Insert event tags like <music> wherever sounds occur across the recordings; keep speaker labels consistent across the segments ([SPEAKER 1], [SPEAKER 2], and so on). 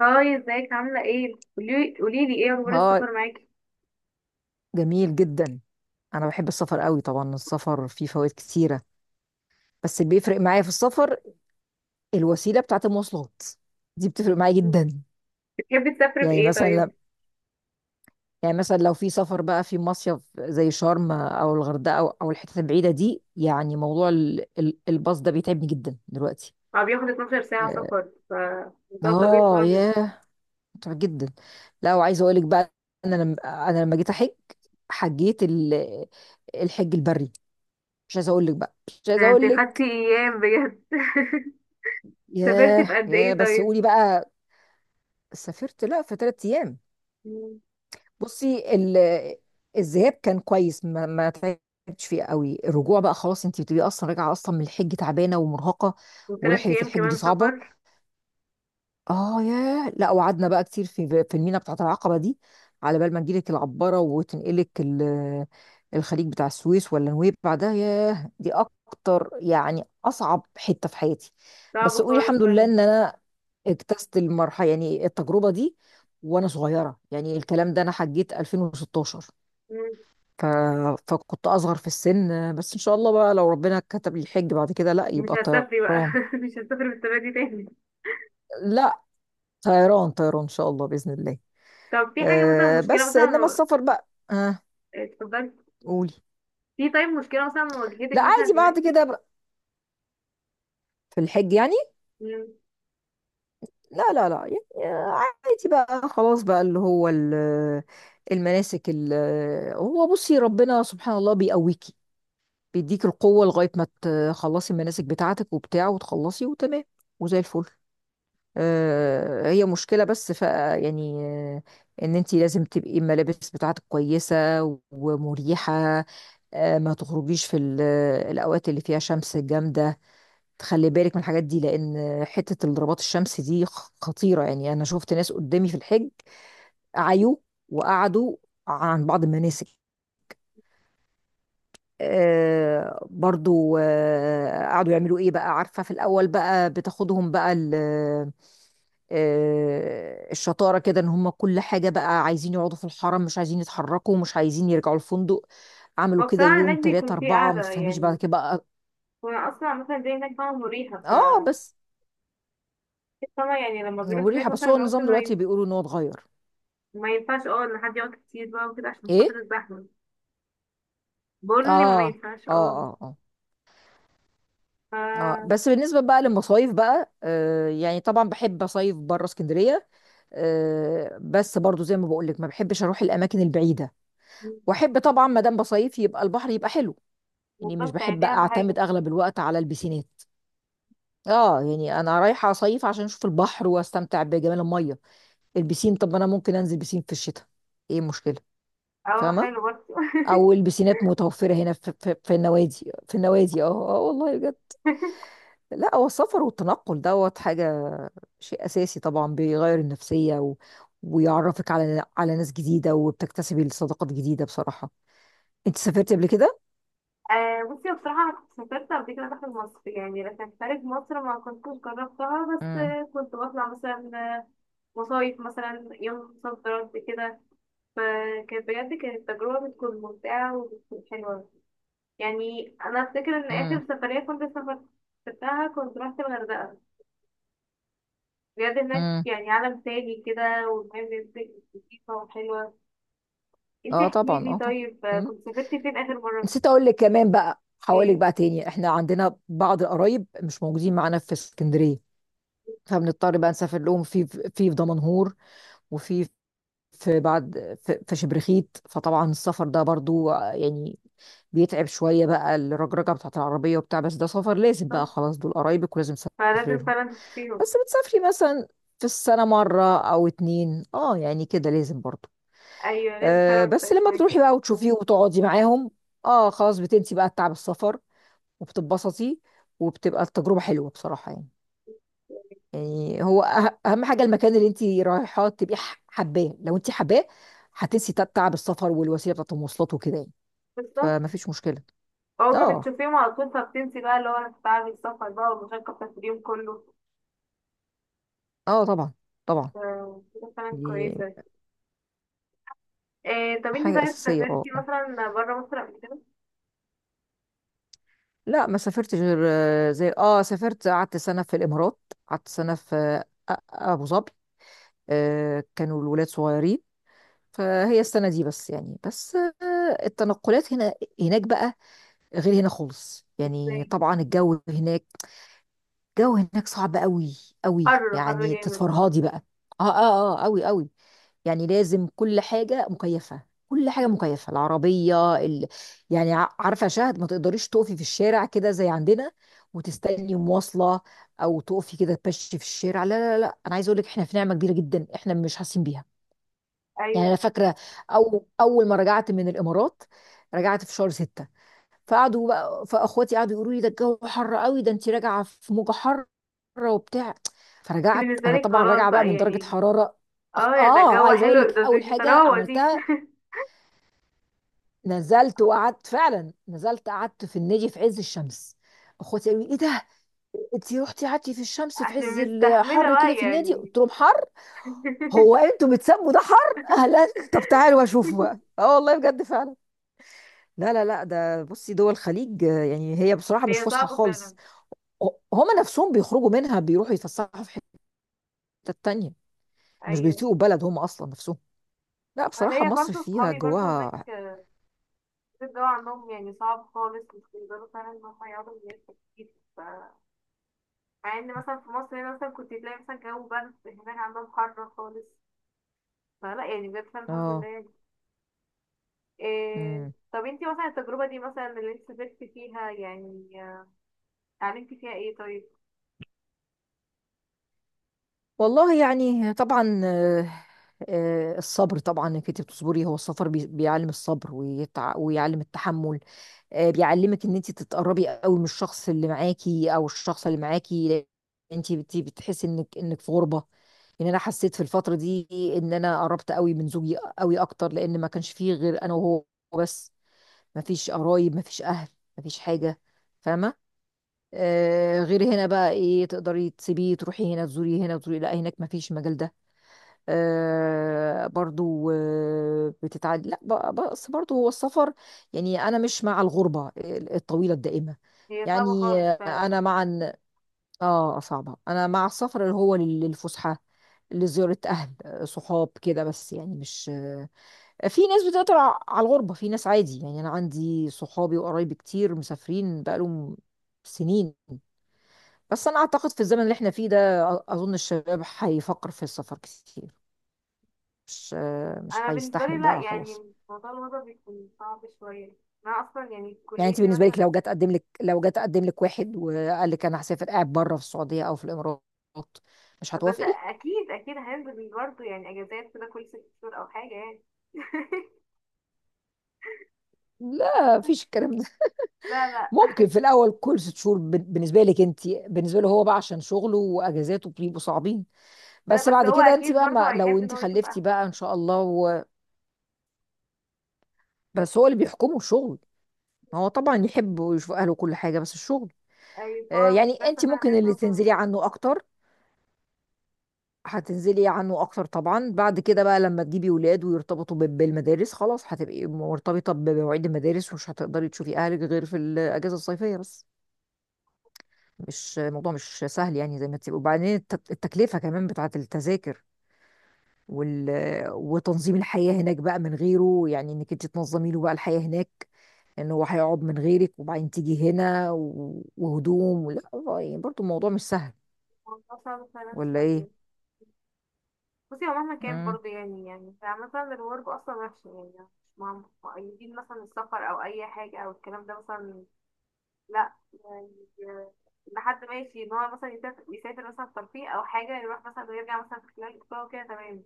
[SPEAKER 1] هاي، ازيك عاملة ايه؟ قوليلي ايه اخبار
[SPEAKER 2] ها.
[SPEAKER 1] السفر معاكي؟
[SPEAKER 2] جميل جدا. انا بحب السفر قوي، طبعا السفر فيه فوائد كتيره، بس اللي بيفرق معايا في السفر الوسيله بتاعت المواصلات، دي بتفرق معايا جدا.
[SPEAKER 1] بتحبي تسافري
[SPEAKER 2] يعني
[SPEAKER 1] بايه
[SPEAKER 2] مثلا ل-
[SPEAKER 1] طيب؟
[SPEAKER 2] يعني مثلا لو في سفر بقى في مصيف زي شرم او الغردقه او الحتت البعيده دي، يعني موضوع الباص ده بيتعبني جدا دلوقتي.
[SPEAKER 1] هو بياخد 12 ساعة
[SPEAKER 2] اه
[SPEAKER 1] سفر، فموضوع طويل خالص.
[SPEAKER 2] ياه، متعب جدا. لا وعايزه اقول لك بقى، انا لما انا لما جيت احج، حجيت ال- الحج البري. مش عايزه اقول لك بقى، مش عايزه
[SPEAKER 1] ده انت
[SPEAKER 2] اقول
[SPEAKER 1] خدتي
[SPEAKER 2] لك.
[SPEAKER 1] ايام بجد! <laughs> سافرتي في
[SPEAKER 2] ياه
[SPEAKER 1] قد
[SPEAKER 2] ياه،
[SPEAKER 1] ايه
[SPEAKER 2] بس
[SPEAKER 1] طيب؟
[SPEAKER 2] قولي بقى. سافرت لا في 3 ايام.
[SPEAKER 1] مم.
[SPEAKER 2] بصي. الذهاب كان كويس، ما تعبتش فيه قوي. الرجوع بقى خلاص، انت بتبقي اصلا راجعه اصلا من الحج تعبانه ومرهقه.
[SPEAKER 1] وثلاث
[SPEAKER 2] ورحله
[SPEAKER 1] ايام
[SPEAKER 2] الحج دي
[SPEAKER 1] كمان
[SPEAKER 2] صعبه.
[SPEAKER 1] سفر.
[SPEAKER 2] اه ياه. لا وقعدنا بقى كتير في المينا بتاعت العقبة دي، على بال ما تجيلك العبارة وتنقلك الخليج بتاع السويس ولا نويبع. ده ياه، دي اكتر، يعني اصعب حتة في حياتي.
[SPEAKER 1] صعب
[SPEAKER 2] بس قولي
[SPEAKER 1] خالص
[SPEAKER 2] الحمد لله
[SPEAKER 1] فعلا.
[SPEAKER 2] ان انا اجتزت المرحلة، يعني التجربة دي وانا صغيرة. يعني الكلام ده انا حجيت 2016.
[SPEAKER 1] مم.
[SPEAKER 2] ف... فكنت اصغر في السن. بس ان شاء الله بقى لو ربنا كتب لي الحج بعد كده، لا
[SPEAKER 1] مش
[SPEAKER 2] يبقى
[SPEAKER 1] هسافري بقى.
[SPEAKER 2] طيران.
[SPEAKER 1] <laughs> مش هسافر بالطريقة دي تاني.
[SPEAKER 2] لا. طيران طيران ان شاء الله، باذن الله.
[SPEAKER 1] طب في حاجة مثلا، مشكلة
[SPEAKER 2] بس
[SPEAKER 1] مثلا،
[SPEAKER 2] انما السفر بقى.
[SPEAKER 1] اتفضلي.
[SPEAKER 2] قولي.
[SPEAKER 1] في طيب، مشكلة مثلا واجهتك
[SPEAKER 2] لا
[SPEAKER 1] مثلا
[SPEAKER 2] عادي
[SPEAKER 1] هناك؟
[SPEAKER 2] بعد كده بقى، في الحج يعني.
[SPEAKER 1] مم.
[SPEAKER 2] لا لا لا يعني، آه، عادي بقى خلاص بقى اللي هو المناسك هو بصي ربنا سبحان الله بيقويكي، بيديك القوة لغاية ما تخلصي المناسك بتاعتك وبتاع وتخلصي وتمام وزي الفل. آه، هي مشكلة، بس ف يعني، آه، ان انتي لازم تبقي الملابس بتاعتك كويسة ومريحة. آه، ما تخرجيش في الاوقات اللي فيها شمس جامدة. تخلي بالك من الحاجات دي، لان حتة الضربات الشمس دي خطيرة. يعني انا شفت ناس قدامي في الحج عيوا وقعدوا عن بعض المناسك. آه برضو آه، قعدوا يعملوا ايه بقى؟ عارفة، في الاول بقى بتاخدهم بقى آه، الشطارة كده ان هم كل حاجة بقى عايزين يقعدوا في الحرم، مش عايزين يتحركوا، مش عايزين يرجعوا الفندق. عملوا
[SPEAKER 1] هو
[SPEAKER 2] كده
[SPEAKER 1] بصراحة
[SPEAKER 2] يوم
[SPEAKER 1] هناك
[SPEAKER 2] تلاتة
[SPEAKER 1] بيكون في
[SPEAKER 2] أربعة، ما
[SPEAKER 1] قعدة،
[SPEAKER 2] تفهميش بعد
[SPEAKER 1] يعني،
[SPEAKER 2] كده بقى.
[SPEAKER 1] وانا اصلا مثلا زي هناك، فاهمة، مريحة.
[SPEAKER 2] اه بس.
[SPEAKER 1] فاهمة، يعني لما بيروح هناك
[SPEAKER 2] مريحة، بس
[SPEAKER 1] مثلا
[SPEAKER 2] هو
[SPEAKER 1] بيقعد
[SPEAKER 2] النظام دلوقتي بيقولوا ان هو اتغير.
[SPEAKER 1] ما ينفعش، ان حد يقعد كتير بقى وكده عشان خاطر
[SPEAKER 2] ايه.
[SPEAKER 1] الزحمة. بقول اني ما
[SPEAKER 2] اه، اه،
[SPEAKER 1] ينفعش اه
[SPEAKER 2] اه، اه، اه،
[SPEAKER 1] ف
[SPEAKER 2] بس بالنسبة بقى للمصايف بقى، آه، يعني طبعا بحب اصيف بره اسكندرية. آه بس برضو زي ما بقول لك، ما بحبش اروح الاماكن البعيدة. واحب طبعا ما دام بصيف يبقى البحر يبقى حلو. يعني مش
[SPEAKER 1] بالظبط، يعني
[SPEAKER 2] بحب
[SPEAKER 1] دي اهم حاجة.
[SPEAKER 2] اعتمد اغلب الوقت على البسين. اه، يعني انا رايحه اصيف عشان اشوف البحر واستمتع بجمال الميه. البسين، طب ما انا ممكن انزل بسين في الشتاء. ايه المشكله؟
[SPEAKER 1] اه،
[SPEAKER 2] فاهمه.
[SPEAKER 1] حلو برضه.
[SPEAKER 2] او البسينات متوفره هنا في النوادي في النوادي. اه. اه والله بجد.
[SPEAKER 1] <laughs>
[SPEAKER 2] لا هو السفر والتنقل دوت حاجه، شيء اساسي، طبعا بيغير النفسيه ويعرفك على ناس جديده وبتكتسبي صداقات جديده بصراحه. انت سافرتي قبل كده؟
[SPEAKER 1] آه، بصي بصراحة أنا كنت سافرت قبل كده داخل مصر، يعني لكن خارج مصر ما كنتش جربتها، بس
[SPEAKER 2] امم.
[SPEAKER 1] كنت بطلع مثلا مصايف، مثلا يوم صد رد كده. فكانت بجد كانت تجربة بتكون ممتعة وبتكون حلوة. يعني انا افتكر ان
[SPEAKER 2] امم.
[SPEAKER 1] اخر سفريه كنت سافرتها كنت رحت الغردقه. بجد هناك
[SPEAKER 2] امم.
[SPEAKER 1] يعني عالم تاني كده، والمية لطيفه وحلوه. انتي
[SPEAKER 2] اه
[SPEAKER 1] احكي
[SPEAKER 2] طبعا،
[SPEAKER 1] لي
[SPEAKER 2] اه
[SPEAKER 1] طيب،
[SPEAKER 2] طبعا.
[SPEAKER 1] كنت سافرتي فين اخر مره؟
[SPEAKER 2] نسيت اقول لك كمان بقى حوالك
[SPEAKER 1] ايه؟
[SPEAKER 2] بقى تاني، احنا عندنا بعض القرايب مش موجودين معانا في اسكندريه، فبنضطر بقى نسافر لهم في دمنهور. وفي، في بعد، في شبرخيت. فطبعا السفر ده برضو يعني بيتعب شويه بقى، الرجرجه بتاعت العربيه وبتاع، بس ده سفر لازم بقى
[SPEAKER 1] بالظبط.
[SPEAKER 2] خلاص، دول قرايبك ولازم تسافري
[SPEAKER 1] فلازم
[SPEAKER 2] لهم.
[SPEAKER 1] فعلا تشوفيهم.
[SPEAKER 2] بس بتسافري مثلا في السنه مره او اتنين، اه يعني كده لازم برضو.
[SPEAKER 1] ايوه لازم
[SPEAKER 2] أه
[SPEAKER 1] فعلا،
[SPEAKER 2] بس
[SPEAKER 1] متبقاش
[SPEAKER 2] لما
[SPEAKER 1] معاكي.
[SPEAKER 2] بتروحي بقى وتشوفيه وتقعدي معاهم، اه خلاص بتنسي بقى تعب السفر وبتتبسطي، وبتبقى التجربة حلوة بصراحة يعني. يعني هو أهم حاجة المكان اللي أنت رايحة تبقي حباه، لو أنت حباه هتنسي تعب السفر والوسيلة بتاعت المواصلات وكده يعني.
[SPEAKER 1] بالظبط.
[SPEAKER 2] فما فيش مشكلة.
[SPEAKER 1] اول ما
[SPEAKER 2] اه،
[SPEAKER 1] بتشوفيهم على طول، فبتنسي بقى اللي هو تعب السفر بقى والمشقه بتاعت اليوم كله.
[SPEAKER 2] اه طبعا، طبعا.
[SPEAKER 1] ف- كده فعلا
[SPEAKER 2] دي
[SPEAKER 1] كويسه. إيه؟ طب انتي،
[SPEAKER 2] حاجة
[SPEAKER 1] طيب،
[SPEAKER 2] أساسية اه
[SPEAKER 1] سافرتي
[SPEAKER 2] آه.
[SPEAKER 1] مثلا بره مصر قبل كده؟
[SPEAKER 2] لا ما سافرتش غير آه، زي اه، سافرت قعدت سنة في الإمارات. قعدت سنة في آه، أبو ظبي. آه، كانوا الولاد صغيرين، فهي السنة دي بس يعني، بس آه، التنقلات هنا، هناك بقى غير هنا خالص يعني،
[SPEAKER 1] ازاي؟
[SPEAKER 2] طبعا الجو هناك، الجو هناك صعب قوي قوي
[SPEAKER 1] حر حر
[SPEAKER 2] يعني،
[SPEAKER 1] جامد.
[SPEAKER 2] تتفرهدي بقى. اه اه اه قوي قوي، يعني لازم كل حاجة مكيفة، كل حاجة مكيفة، العربية يعني عارفة شهد، ما تقدريش تقفي في الشارع كده زي عندنا وتستني مواصلة، او تقفي كده تمشي في الشارع، لا. لا انا عايزه اقول لك احنا في نعمة كبيرة جدا، احنا مش حاسين بيها. يعني انا
[SPEAKER 1] أيوة.
[SPEAKER 2] فاكرة اول ما رجعت من الامارات، رجعت في شهر ستة. فقعدوا بقى فاخواتي قعدوا يقولوا لي ده الجو حر قوي، ده انت راجعه في موجه حاره وبتاع،
[SPEAKER 1] دي
[SPEAKER 2] فرجعت
[SPEAKER 1] بالنسبة
[SPEAKER 2] انا
[SPEAKER 1] لي
[SPEAKER 2] طبعا
[SPEAKER 1] خلاص
[SPEAKER 2] راجعه بقى
[SPEAKER 1] بقى،
[SPEAKER 2] من درجه
[SPEAKER 1] يعني
[SPEAKER 2] حراره.
[SPEAKER 1] اه يا ده
[SPEAKER 2] اه
[SPEAKER 1] الجو
[SPEAKER 2] عايزه اقول
[SPEAKER 1] حلو،
[SPEAKER 2] لك
[SPEAKER 1] ده دي
[SPEAKER 2] اول
[SPEAKER 1] دي
[SPEAKER 2] حاجه
[SPEAKER 1] طراوة دي.
[SPEAKER 2] عملتها، نزلت وقعدت فعلا، نزلت قعدت في النادي في عز الشمس. اخواتي قالوا لي ايه ده، انت رحتي قعدتي في
[SPEAKER 1] <laughs>
[SPEAKER 2] الشمس في
[SPEAKER 1] عشان
[SPEAKER 2] عز
[SPEAKER 1] مستحملة
[SPEAKER 2] الحر كده
[SPEAKER 1] بقى،
[SPEAKER 2] في النادي؟
[SPEAKER 1] يعني.
[SPEAKER 2] قلت لهم حر. هو انتوا بتسموا ده حر؟ اهلا. طب
[SPEAKER 1] <laughs>
[SPEAKER 2] تعالوا اشوفوا بقى، اه والله بجد فعلا. لا ده بصي دول الخليج آه، يعني هي بصراحه مش
[SPEAKER 1] هي
[SPEAKER 2] فسحه
[SPEAKER 1] صعبة فعلا.
[SPEAKER 2] خالص. هما نفسهم بيخرجوا منها بيروحوا يتفسحوا في حتة تانية. مش
[SPEAKER 1] ايوه.
[SPEAKER 2] بيطيقوا بلد هما أصلا نفسهم. لا
[SPEAKER 1] انا
[SPEAKER 2] بصراحة
[SPEAKER 1] ليا
[SPEAKER 2] مصر
[SPEAKER 1] برضه
[SPEAKER 2] فيها
[SPEAKER 1] صحابي برضه هناك.
[SPEAKER 2] جواها.
[SPEAKER 1] الجو عندهم يعني صعب خالص، مش بيقدروا فعلا ان هم يقعدوا من غير تكييف. ف- مع ان مثلا في مصر هنا مثلا كنت تلاقي مثلا جو برد، هناك عندهم حر خالص. فلا، يعني بجد فعلا الحمد لله
[SPEAKER 2] اه.
[SPEAKER 1] يعني. إيه؟
[SPEAKER 2] مم.
[SPEAKER 1] طب انتي مثلا التجربة دي مثلا اللي انت سافرتي فيها، يعني، اتعلمتي فيها ايه طيب؟
[SPEAKER 2] والله يعني طبعا آه، آه، الصبر طبعا، انك انت بتصبري، هو السفر بيعلم الصبر ويعلم التحمل. آه، بيعلمك ان انت تتقربي قوي من الشخص اللي معاكي او الشخص اللي معاكي. انت بتحسي انك في غربة. يعني انا حسيت في الفتره دي ان انا قربت قوي من زوجي، قوي اكتر، لان ما كانش فيه غير انا وهو بس. ما فيش قرايب، ما فيش اهل، ما فيش حاجه، فاهمه. آه غير هنا بقى ايه، تقدري تسيبيه تروحي هنا تزوري هنا تزوري، لا هناك ما فيش المجال ده. آه برضو آه بتتعد، لا بس برضو هو السفر، يعني انا مش مع الغربه الطويله الدائمه.
[SPEAKER 1] هي صعبة
[SPEAKER 2] يعني
[SPEAKER 1] خالص فعلا.
[SPEAKER 2] انا مع، اه صعبة، انا مع السفر اللي هو للفسحة، لزيارة اهل، آه، صحاب كده بس، يعني مش آه. في ناس بتقدر على الغربة، في ناس عادي، يعني انا عندي صحابي وقرايبي كتير مسافرين بقالهم سنين. بس انا اعتقد في الزمن اللي احنا فيه ده، اظن الشباب هيفكر في السفر كتير، مش آه، مش
[SPEAKER 1] أنا بالنسبة لي
[SPEAKER 2] هيستحمل
[SPEAKER 1] لأ،
[SPEAKER 2] بقى خلاص.
[SPEAKER 1] يعني موضوع الوضع بيكون صعب شوية. أنا أصلا يعني
[SPEAKER 2] يعني انت
[SPEAKER 1] كليتي
[SPEAKER 2] بالنسبة
[SPEAKER 1] مثلا،
[SPEAKER 2] لك، لو جت اقدم لك، واحد وقال لك انا هسافر قاعد بره في السعودية او في الامارات، مش
[SPEAKER 1] بس
[SPEAKER 2] هتوافقي؟
[SPEAKER 1] أكيد أكيد هنزل برضه يعني أجازات كده كل 6 شهور أو حاجة يعني. <laughs>
[SPEAKER 2] لا مفيش الكلام ده.
[SPEAKER 1] لا، لا.
[SPEAKER 2] ممكن في الاول كل 6 شهور بالنسبه لك انت، بالنسبه له هو بقى عشان شغله واجازاته بيبقوا صعبين.
[SPEAKER 1] <laughs> لا
[SPEAKER 2] بس
[SPEAKER 1] بس
[SPEAKER 2] بعد
[SPEAKER 1] هو
[SPEAKER 2] كده انت
[SPEAKER 1] أكيد
[SPEAKER 2] بقى،
[SPEAKER 1] برضه
[SPEAKER 2] ما لو
[SPEAKER 1] هيحب إن
[SPEAKER 2] انت
[SPEAKER 1] هو يشوف
[SPEAKER 2] خلفتي
[SPEAKER 1] أهله.
[SPEAKER 2] بقى ان شاء الله بس هو اللي بيحكمه الشغل. هو طبعا يحب ويشوف اهله كل حاجه، بس الشغل.
[SPEAKER 1] أي
[SPEAKER 2] آه
[SPEAKER 1] فهو
[SPEAKER 2] يعني
[SPEAKER 1] لسه
[SPEAKER 2] انت
[SPEAKER 1] فاهم
[SPEAKER 2] ممكن
[SPEAKER 1] حاجات
[SPEAKER 2] اللي
[SPEAKER 1] أصلا
[SPEAKER 2] تنزلي
[SPEAKER 1] يعني.
[SPEAKER 2] عنه اكتر، هتنزلي عنه اكتر طبعا. بعد كده بقى لما تجيبي ولاد ويرتبطوا بالمدارس، خلاص هتبقي مرتبطه بمواعيد المدارس، ومش هتقدري تشوفي اهلك غير في الاجازه الصيفيه بس. مش الموضوع، مش سهل يعني، زي ما تبقى وبعدين التكلفة كمان بتاعة التذاكر وال... وتنظيم الحياة هناك بقى من غيره، يعني انك انت تنظمي له بقى الحياة هناك، ان هو هيقعد من غيرك وبعدين تيجي هنا وهدوم ولا، يعني برضو الموضوع مش سهل،
[SPEAKER 1] الموضوع صعب فعلا
[SPEAKER 2] ولا ايه؟
[SPEAKER 1] شوية. بصي هو مهما كان
[SPEAKER 2] امم.
[SPEAKER 1] برضه، يعني مثلا الورك أصلا وحش، يعني مش مقيدين مثلا السفر أو أي حاجة أو الكلام ده مثلا. لا يعني، ان حد ماشي ان هو مثلا يسافر مثلا ترفيه او حاجه، يروح مثلا ويرجع مثلا في خلال اسبوع وكده تمام.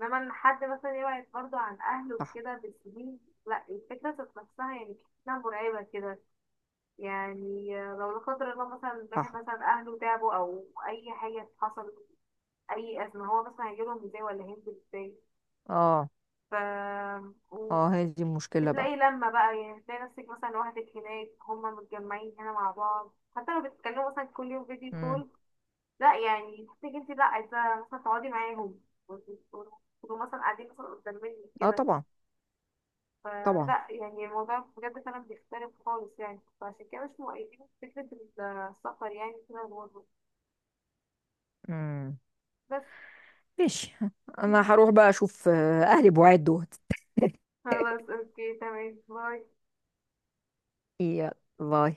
[SPEAKER 1] انما ان حد مثلا يبعد برضه عن اهله
[SPEAKER 2] صح.
[SPEAKER 1] وكده بالسنين، لا، الفكره ذات نفسها يعني كتير مرعبه كده. يعني لو لا قدر الله مثلا واحد
[SPEAKER 2] صح.
[SPEAKER 1] مثلا اهله تعبوا او اي حاجه حصلت، اي ازمه هو مثلا هيجيلهم ازاي ولا هينزل ازاي؟
[SPEAKER 2] اه،
[SPEAKER 1] ف
[SPEAKER 2] اه هي دي المشكلة بقى.
[SPEAKER 1] بتلاقي لما بقى، يعني بتلاقي نفسك مثلا لوحدك هناك، هما متجمعين هنا مع بعض، حتى لو بتتكلموا مثلا كل يوم فيديو
[SPEAKER 2] امم.
[SPEAKER 1] كول، لا يعني تحسي انت لا عايزة مثلا تقعدي معاهم، وتبقوا مثلا قاعدين مثلا قدام منك
[SPEAKER 2] اه
[SPEAKER 1] كده.
[SPEAKER 2] طبعا، طبعا.
[SPEAKER 1] فلا يعني الموضوع بجد فعلا بيختلف خالص يعني، فعشان كده مش مؤيدين فكرة السفر يعني كده برضه.
[SPEAKER 2] امم.
[SPEAKER 1] بس.
[SPEAKER 2] ماشي، انا
[SPEAKER 1] <laughs>
[SPEAKER 2] هروح بقى اشوف آه، اهلي بوعد دول.
[SPEAKER 1] خلاص، اوكي تمام، باي.
[SPEAKER 2] يلا باي.